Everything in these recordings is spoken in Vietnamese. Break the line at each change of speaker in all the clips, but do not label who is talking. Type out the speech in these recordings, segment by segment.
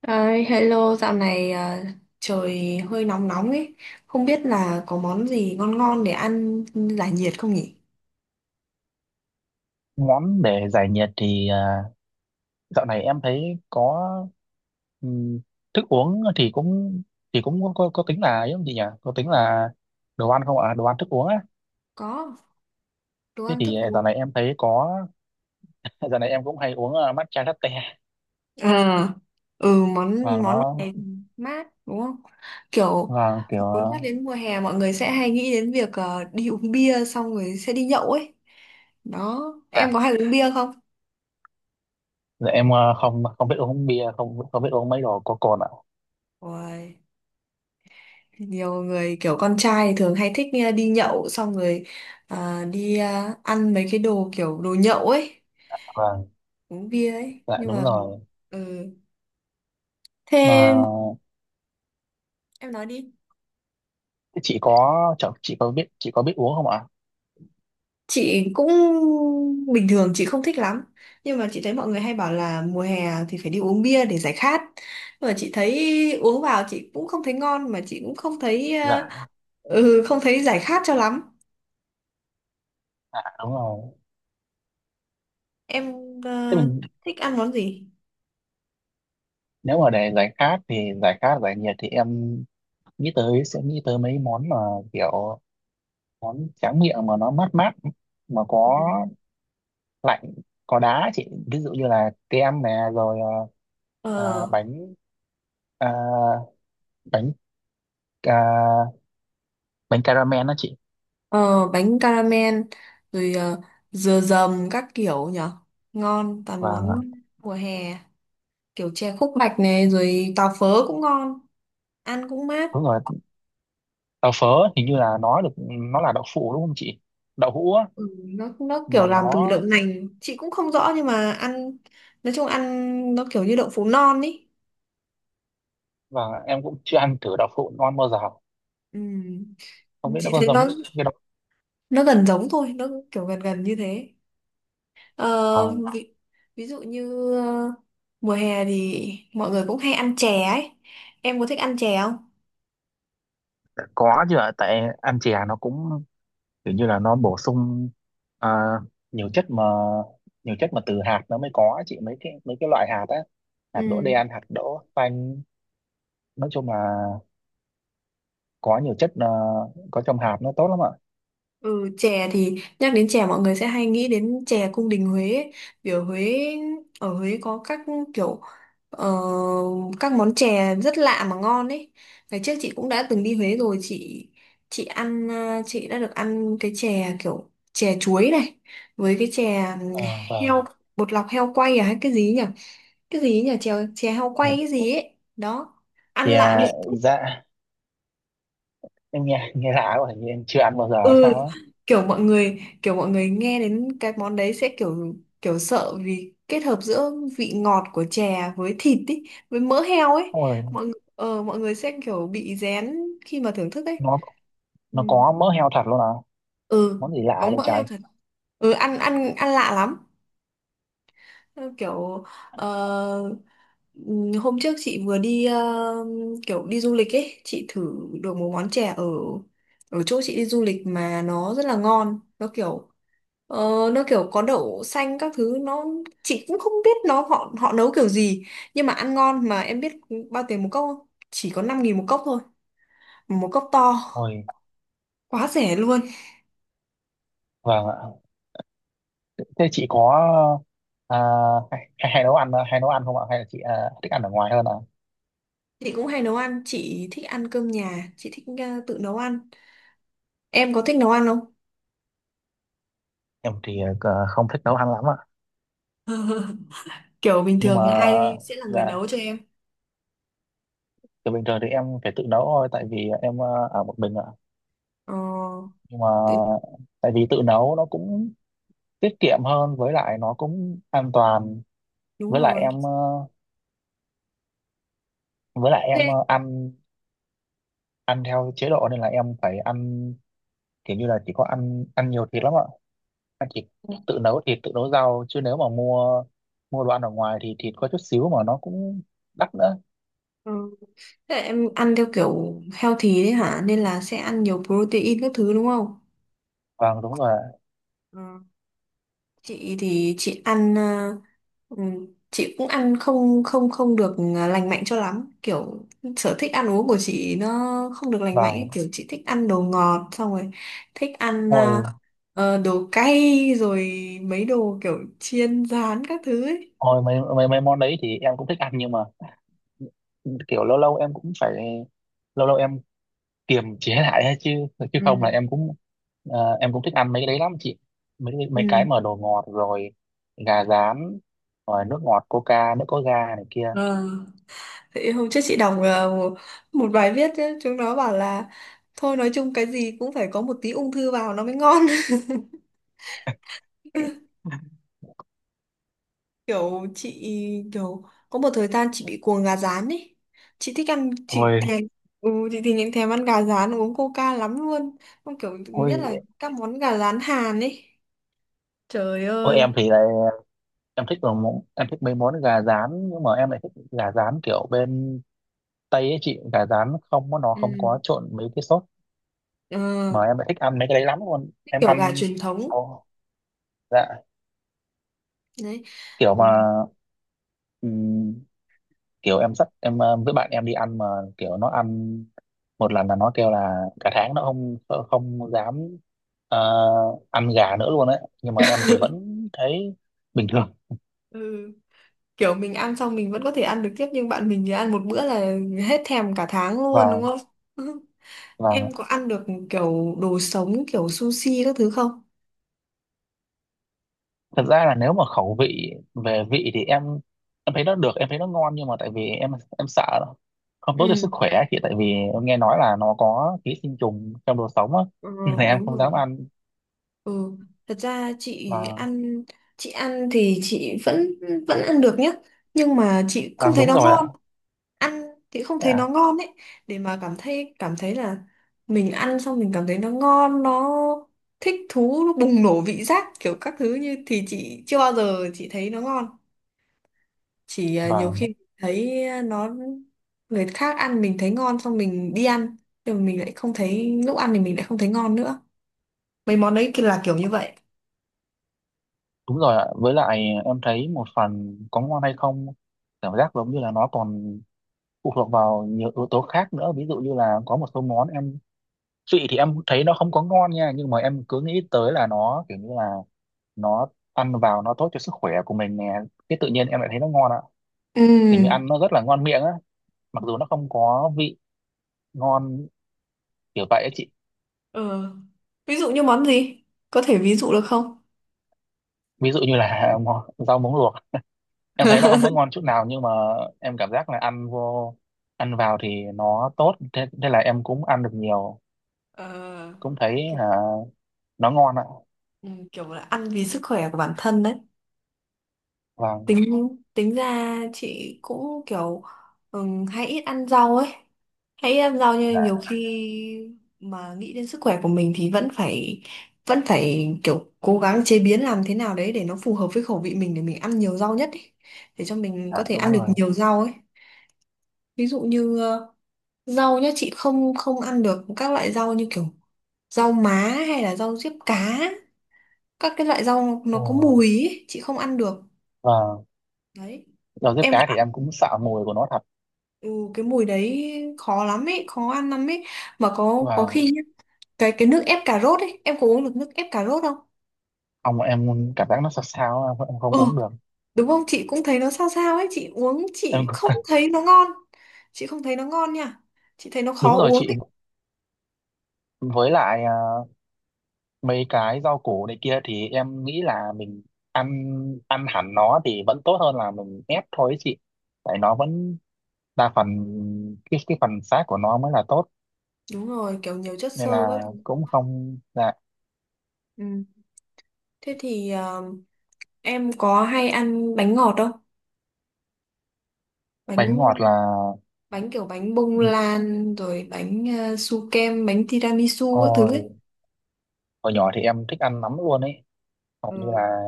Ơi, hello, dạo này à, trời hơi nóng nóng ấy. Không biết là có món gì ngon ngon để ăn giải nhiệt không nhỉ?
Ngắm để giải nhiệt thì dạo này em thấy có ừm, thức uống thì cũng có tính là ấy không chị nhỉ? Có tính là đồ ăn không ạ? Đồ ăn thức uống á.
Có, đồ
Thế
ăn thức
thì
uống.
dạo này em cũng hay uống matcha latte.
À, ừ, món
và
món
nó
này mát đúng không? Kiểu
và kiểu
muốn nhắc
uh,
đến mùa hè mọi người sẽ hay nghĩ đến việc đi uống bia xong rồi sẽ đi nhậu ấy. Đó,
dạ
em có hay uống bia không?
dạ em, không không biết uống bia, không không biết uống mấy đồ có cồn ạ.
Ôi. Nhiều người kiểu con trai thường hay thích đi nhậu xong rồi đi ăn mấy cái đồ kiểu đồ nhậu ấy,
Vâng,
uống bia ấy,
dạ
nhưng
đúng
mà
rồi.
ừ.
Mà
Thế em nói đi.
thế chị có biết uống không ạ?
Chị cũng bình thường chị không thích lắm, nhưng mà chị thấy mọi người hay bảo là mùa hè thì phải đi uống bia để giải khát, nhưng mà chị thấy uống vào chị cũng không thấy ngon, mà chị cũng không thấy
Dạ,
không thấy giải khát cho lắm.
dạ đúng rồi.
Em
Thế
ờ,
mình
thích ăn món gì
Nếu mà để giải khát giải nhiệt thì em nghĩ tới sẽ nghĩ tới mấy món mà kiểu món tráng miệng mà nó mát mát, mà có lạnh, có đá chị, ví dụ như là kem nè, rồi ờ, à,
ờ
bánh à, bánh à, bánh caramel đó chị.
Ờ, Bánh caramel, rồi dừa dầm các kiểu nhở, ngon toàn món
và
mùa hè, kiểu chè khúc bạch này rồi tàu phớ cũng ngon, ăn cũng mát.
Đúng rồi, đậu phớ hình như là nó được, nó là đậu phụ đúng không chị, đậu hũ á.
Nó kiểu
Mà
làm từ
nó
đậu nành, chị cũng không rõ, nhưng mà ăn nói chung ăn nó kiểu như đậu phụ non ý.
và Em cũng chưa ăn thử đậu phụ non bao giờ,
Ừ.
không biết nó
Chị
có
thấy nó
giống cái đậu
nó gần giống thôi, nó kiểu gần gần như thế. ờ,
à,
ví, ví dụ như mùa hè thì mọi người cũng hay ăn chè ấy, em có thích ăn chè không?
có chứ ạ, tại ăn chè nó cũng kiểu như là nó bổ sung à, nhiều chất mà, từ hạt nó mới có chị, mấy cái, loại hạt á, hạt đỗ
Ừ.
đen, hạt đỗ xanh. Nói chung là có nhiều chất có trong hạt nó tốt lắm ạ.
Ừ, chè thì nhắc đến chè mọi người sẽ hay nghĩ đến chè cung đình Huế ấy. Vì ở Huế, có các kiểu ờ, các món chè rất lạ mà ngon ấy. Ngày trước chị cũng đã từng đi Huế rồi, chị ăn, chị đã được ăn cái chè kiểu chè chuối này, với cái chè
À,
heo
vâng.
bột lọc, heo quay à hay cái gì nhỉ? Cái gì nhỉ? Chè chè heo
Dạ-
quay cái gì ấy. Đó. Ăn
thì
lạ
à,
miệng.
dạ em nghe nghe lạ quá, hình như em chưa ăn bao giờ hay
ừ
sao á.
kiểu mọi người nghe đến cái món đấy sẽ kiểu kiểu sợ, vì kết hợp giữa vị ngọt của chè với thịt ý, với mỡ heo ấy,
Ôi,
mọi người sẽ kiểu bị rén khi mà thưởng thức ấy.
nó
Ừ,
nó có mỡ heo thật luôn à?
ừ.
Món gì lạ
Có
vậy
mỡ heo
trời!
thật. Ăn ăn ăn lạ lắm, kiểu ờ, hôm trước chị vừa đi, kiểu đi du lịch ấy, chị thử được một món chè ở ở chỗ chị đi du lịch mà nó rất là ngon, nó kiểu ờ, nó kiểu có đậu xanh các thứ, nó chị cũng không biết nó họ họ nấu kiểu gì nhưng mà ăn ngon. Mà em biết bao tiền một cốc không, chỉ có 5.000 một cốc thôi, một cốc to,
Ôi,
quá rẻ luôn.
vâng ạ. Thế chị có à, hay nấu ăn không ạ, hay là chị thích ăn ở ngoài hơn ạ?
Chị cũng hay nấu ăn, chị thích ăn cơm nhà, chị thích tự nấu ăn. Em có thích nấu ăn không?
Em thì không thích nấu ăn lắm ạ.
Kiểu bình
Nhưng mà
thường ai sẽ là người
dạ
nấu cho em?
từ bình thường thì em phải tự nấu thôi, tại vì em ở một mình ạ.
Ờ,
Nhưng mà
Tự nhiên-
tại vì tự nấu nó cũng tiết kiệm hơn, với lại nó cũng an toàn.
Đúng
với lại
rồi.
em ờ, với lại em
Thế
ăn ăn theo chế độ nên là em phải ăn kiểu như là chỉ có ăn ăn nhiều thịt lắm ạ, ăn chỉ tự nấu thịt, tự nấu rau, chứ nếu mà mua mua đồ ăn ở ngoài thì thịt có chút xíu mà nó cũng đắt nữa.
Ừ. Thế là em ăn theo kiểu healthy đấy hả? Nên là sẽ ăn nhiều protein các thứ đúng không?
Vâng đúng rồi ạ.
Ừ. Chị thì chị ăn ờ, chị cũng ăn không không không được lành mạnh cho lắm. Kiểu sở thích ăn uống của chị nó không được lành mạnh ấy.
Vâng,
Kiểu chị thích ăn đồ ngọt, xong rồi thích ăn
thôi.
đồ cay, rồi mấy đồ kiểu chiên rán các thứ ấy.
Ôi, mấy, mấy mấy món đấy thì em cũng thích ăn, nhưng mà kiểu lâu lâu em cũng phải lâu lâu em kiềm chế lại ấy chứ chứ không là em cũng thích ăn mấy cái đấy lắm chị, mấy mấy cái
Ừ.
mà đồ ngọt, rồi gà rán, rồi nước ngọt coca, nước có ga này kia.
Ờ. Thì hôm trước chị đọc, bài viết ấy, chúng nó bảo là thôi nói chung cái gì cũng phải có một tí ung thư vào nó mới ngon. kiểu chị kiểu có một thời gian chị bị cuồng gà rán ấy, chị thích ăn, chị
Ôi,
thèm, chị thì những thèm ăn gà rán uống coca lắm luôn, không kiểu nhất là
ôi,
các món gà rán Hàn ấy, trời
ôi, em
ơi.
thì lại em thích đồ món em thích mấy món gà rán, nhưng mà em lại thích gà rán kiểu bên Tây ấy chị, gà rán không có- nó không có
Ừ.
trộn mấy cái sốt,
ờ,
mà em lại thích ăn mấy cái đấy lắm luôn
cái
em
kiểu gà
ăn
truyền thống
Ồ, dạ,
đấy.
kiểu
Ừ.
mà ừm, kiểu em dắt em với bạn em đi ăn mà kiểu nó ăn một lần là nó kêu là cả tháng nó không không dám ờ, ăn gà nữa luôn đấy, nhưng mà em thì vẫn thấy bình thường.
Ừ. Kiểu mình ăn xong mình vẫn có thể ăn được tiếp, nhưng bạn mình thì ăn một bữa là hết thèm cả tháng luôn đúng
và
không?
và
Em có ăn được kiểu đồ sống, kiểu sushi các thứ không?
thật ra là nếu mà khẩu vị về vị thì em thấy nó được, em thấy nó ngon, nhưng mà tại vì em sợ nó không tốt cho sức
Ừ.
khỏe chị, tại vì em nghe nói là nó có ký sinh trùng trong đồ sống á
Ờ
nên là em
Đúng
không
rồi.
dám ăn.
Ừ, thật ra chị
và
ăn chị ăn thì chị vẫn vẫn ăn được nhá, nhưng mà chị không
ăn
thấy
đúng
nó
rồi ạ.
ngon. Ăn thì không thấy nó
Dạ.
ngon ấy. Để mà cảm thấy là mình ăn xong mình cảm thấy nó ngon, nó thích thú, nó bùng nổ vị giác kiểu các thứ như thì chị chưa bao giờ chị thấy nó ngon, chỉ
và
nhiều khi thấy nó, người khác ăn mình thấy ngon, xong mình đi ăn nhưng mà mình lại không thấy, lúc ăn thì mình lại không thấy ngon nữa. Mấy món đấy kia là kiểu như vậy.
Đúng rồi ạ, với lại em thấy một phần có ngon hay không cảm giác giống như là nó còn phụ thuộc vào nhiều yếu tố khác nữa, ví dụ như là có một số món chị thì em thấy nó không có ngon nha, nhưng mà em cứ nghĩ tới là nó kiểu như là nó ăn vào nó tốt cho sức khỏe của mình nè, cái tự nhiên em lại thấy nó ngon ạ. Kiểu như
Ừ.
ăn nó rất là ngon miệng á, mặc dù nó không có vị ngon kiểu vậy á chị.
ờ Ví dụ như món gì, có thể ví dụ được không?
Ví dụ như là rau muống luộc, em thấy nó không có ngon chút nào, nhưng mà em cảm giác là ăn vào thì nó tốt, thế là em cũng ăn được nhiều,
Ờ,
cũng thấy
kiểu
hả, nó ngon ạ.
ừ, kiểu là ăn vì sức khỏe của bản thân đấy.
và
Tính tính ra chị cũng kiểu hay ít ăn rau ấy, hay ít ăn rau nhưng nhiều
dạ,
khi mà nghĩ đến sức khỏe của mình thì vẫn phải kiểu cố gắng chế biến làm thế nào đấy để nó phù hợp với khẩu vị mình, để mình ăn nhiều rau nhất ấy. Để cho mình có
dạ,
thể
đúng
ăn được
rồi.
nhiều rau ấy. Ví dụ như rau nhá, chị không không ăn được các loại rau như kiểu rau má, hay là rau diếp cá, các cái loại rau nó
Ừ.
có mùi ấy, chị không ăn được
và
đấy
rau diếp
em.
cá thì em cũng sợ mùi của nó thật.
Ừ, cái mùi đấy khó lắm ấy, khó ăn lắm ấy. Mà có
và
khi nhá, cái nước ép cà rốt ấy, em có uống được nước ép cà rốt không?
ông em cảm giác nó sao sao, em không
Ừ,
uống được.
đúng không? Chị cũng thấy nó sao sao ấy, chị uống
em
chị không
cũng-
thấy nó ngon. Chị không thấy nó ngon nha. Chị thấy nó
Đúng
khó
rồi
uống
chị,
ấy.
với lại mấy cái rau củ này kia thì em nghĩ là mình ăn ăn hẳn nó thì vẫn tốt hơn là mình ép thôi ấy chị, tại nó vẫn đa phần cái phần xác của nó mới là tốt,
Đúng rồi, kiểu nhiều chất xơ
nên
các
là
thứ.
cũng không là.
Ừ. Thế thì em có hay ăn bánh ngọt không?
Bánh ngọt
Bánh
là.
bánh kiểu bánh bông
Ừ,
lan, rồi bánh su kem, bánh tiramisu các thứ
hồi
ấy.
hồi nhỏ thì em thích ăn lắm luôn ấy, hầu như
Ừ.
là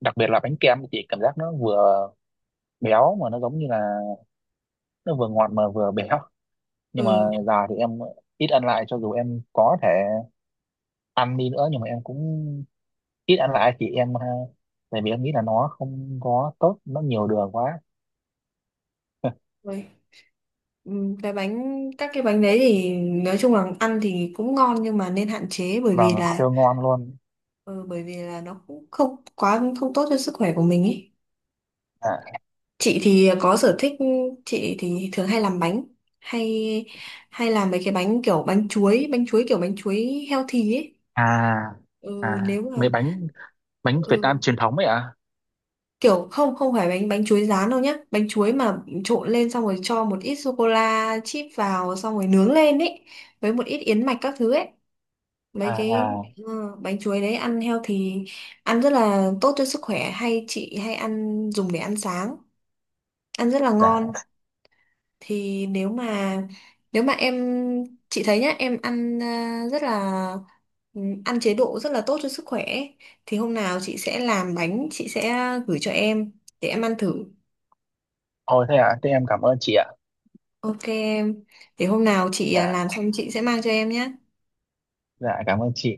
đặc biệt là bánh kem thì cảm giác nó vừa béo mà nó giống như là nó vừa ngọt mà vừa béo. Nhưng mà
Ừ.
giờ thì em ít ăn lại, cho dù em có thể ăn đi nữa nhưng mà em cũng ít ăn lại chị em tại vì em nghĩ là nó không có tốt, nó nhiều đường quá
Ui, ừ, cái bánh, cái bánh đấy thì nói chung là ăn thì cũng ngon, nhưng mà nên hạn chế, bởi vì
vâng
là
siêu ngon luôn.
ừ, bởi vì là nó cũng không quá không tốt cho sức khỏe của mình ấy.
à
Chị thì có sở thích, chị thì thường hay làm bánh, hay hay làm mấy cái bánh kiểu bánh chuối, kiểu bánh chuối healthy ấy.
à
ừ,
à
nếu mà
mấy bánh bánh Việt Nam
ừ,
truyền thống ấy ạ.
kiểu không không phải bánh bánh chuối rán đâu nhá, bánh chuối mà trộn lên xong rồi cho một ít sô cô la chip vào xong rồi nướng lên ấy, với một ít yến mạch các thứ ấy,
à
mấy cái
à à,
bánh chuối đấy ăn healthy, ăn rất là tốt cho sức khỏe, chị hay ăn dùng để ăn sáng, ăn rất là ngon.
dạ
Thì nếu mà em chị thấy nhá, em ăn rất là, ăn chế độ rất là tốt cho sức khỏe ấy. Thì hôm nào chị sẽ làm bánh, chị sẽ gửi cho em để em ăn thử.
Ôi thế ạ, thế em cảm ơn chị ạ.
Ok em. Để hôm nào chị
Dạ,
làm xong chị sẽ mang cho em nhé.
dạ cảm ơn chị.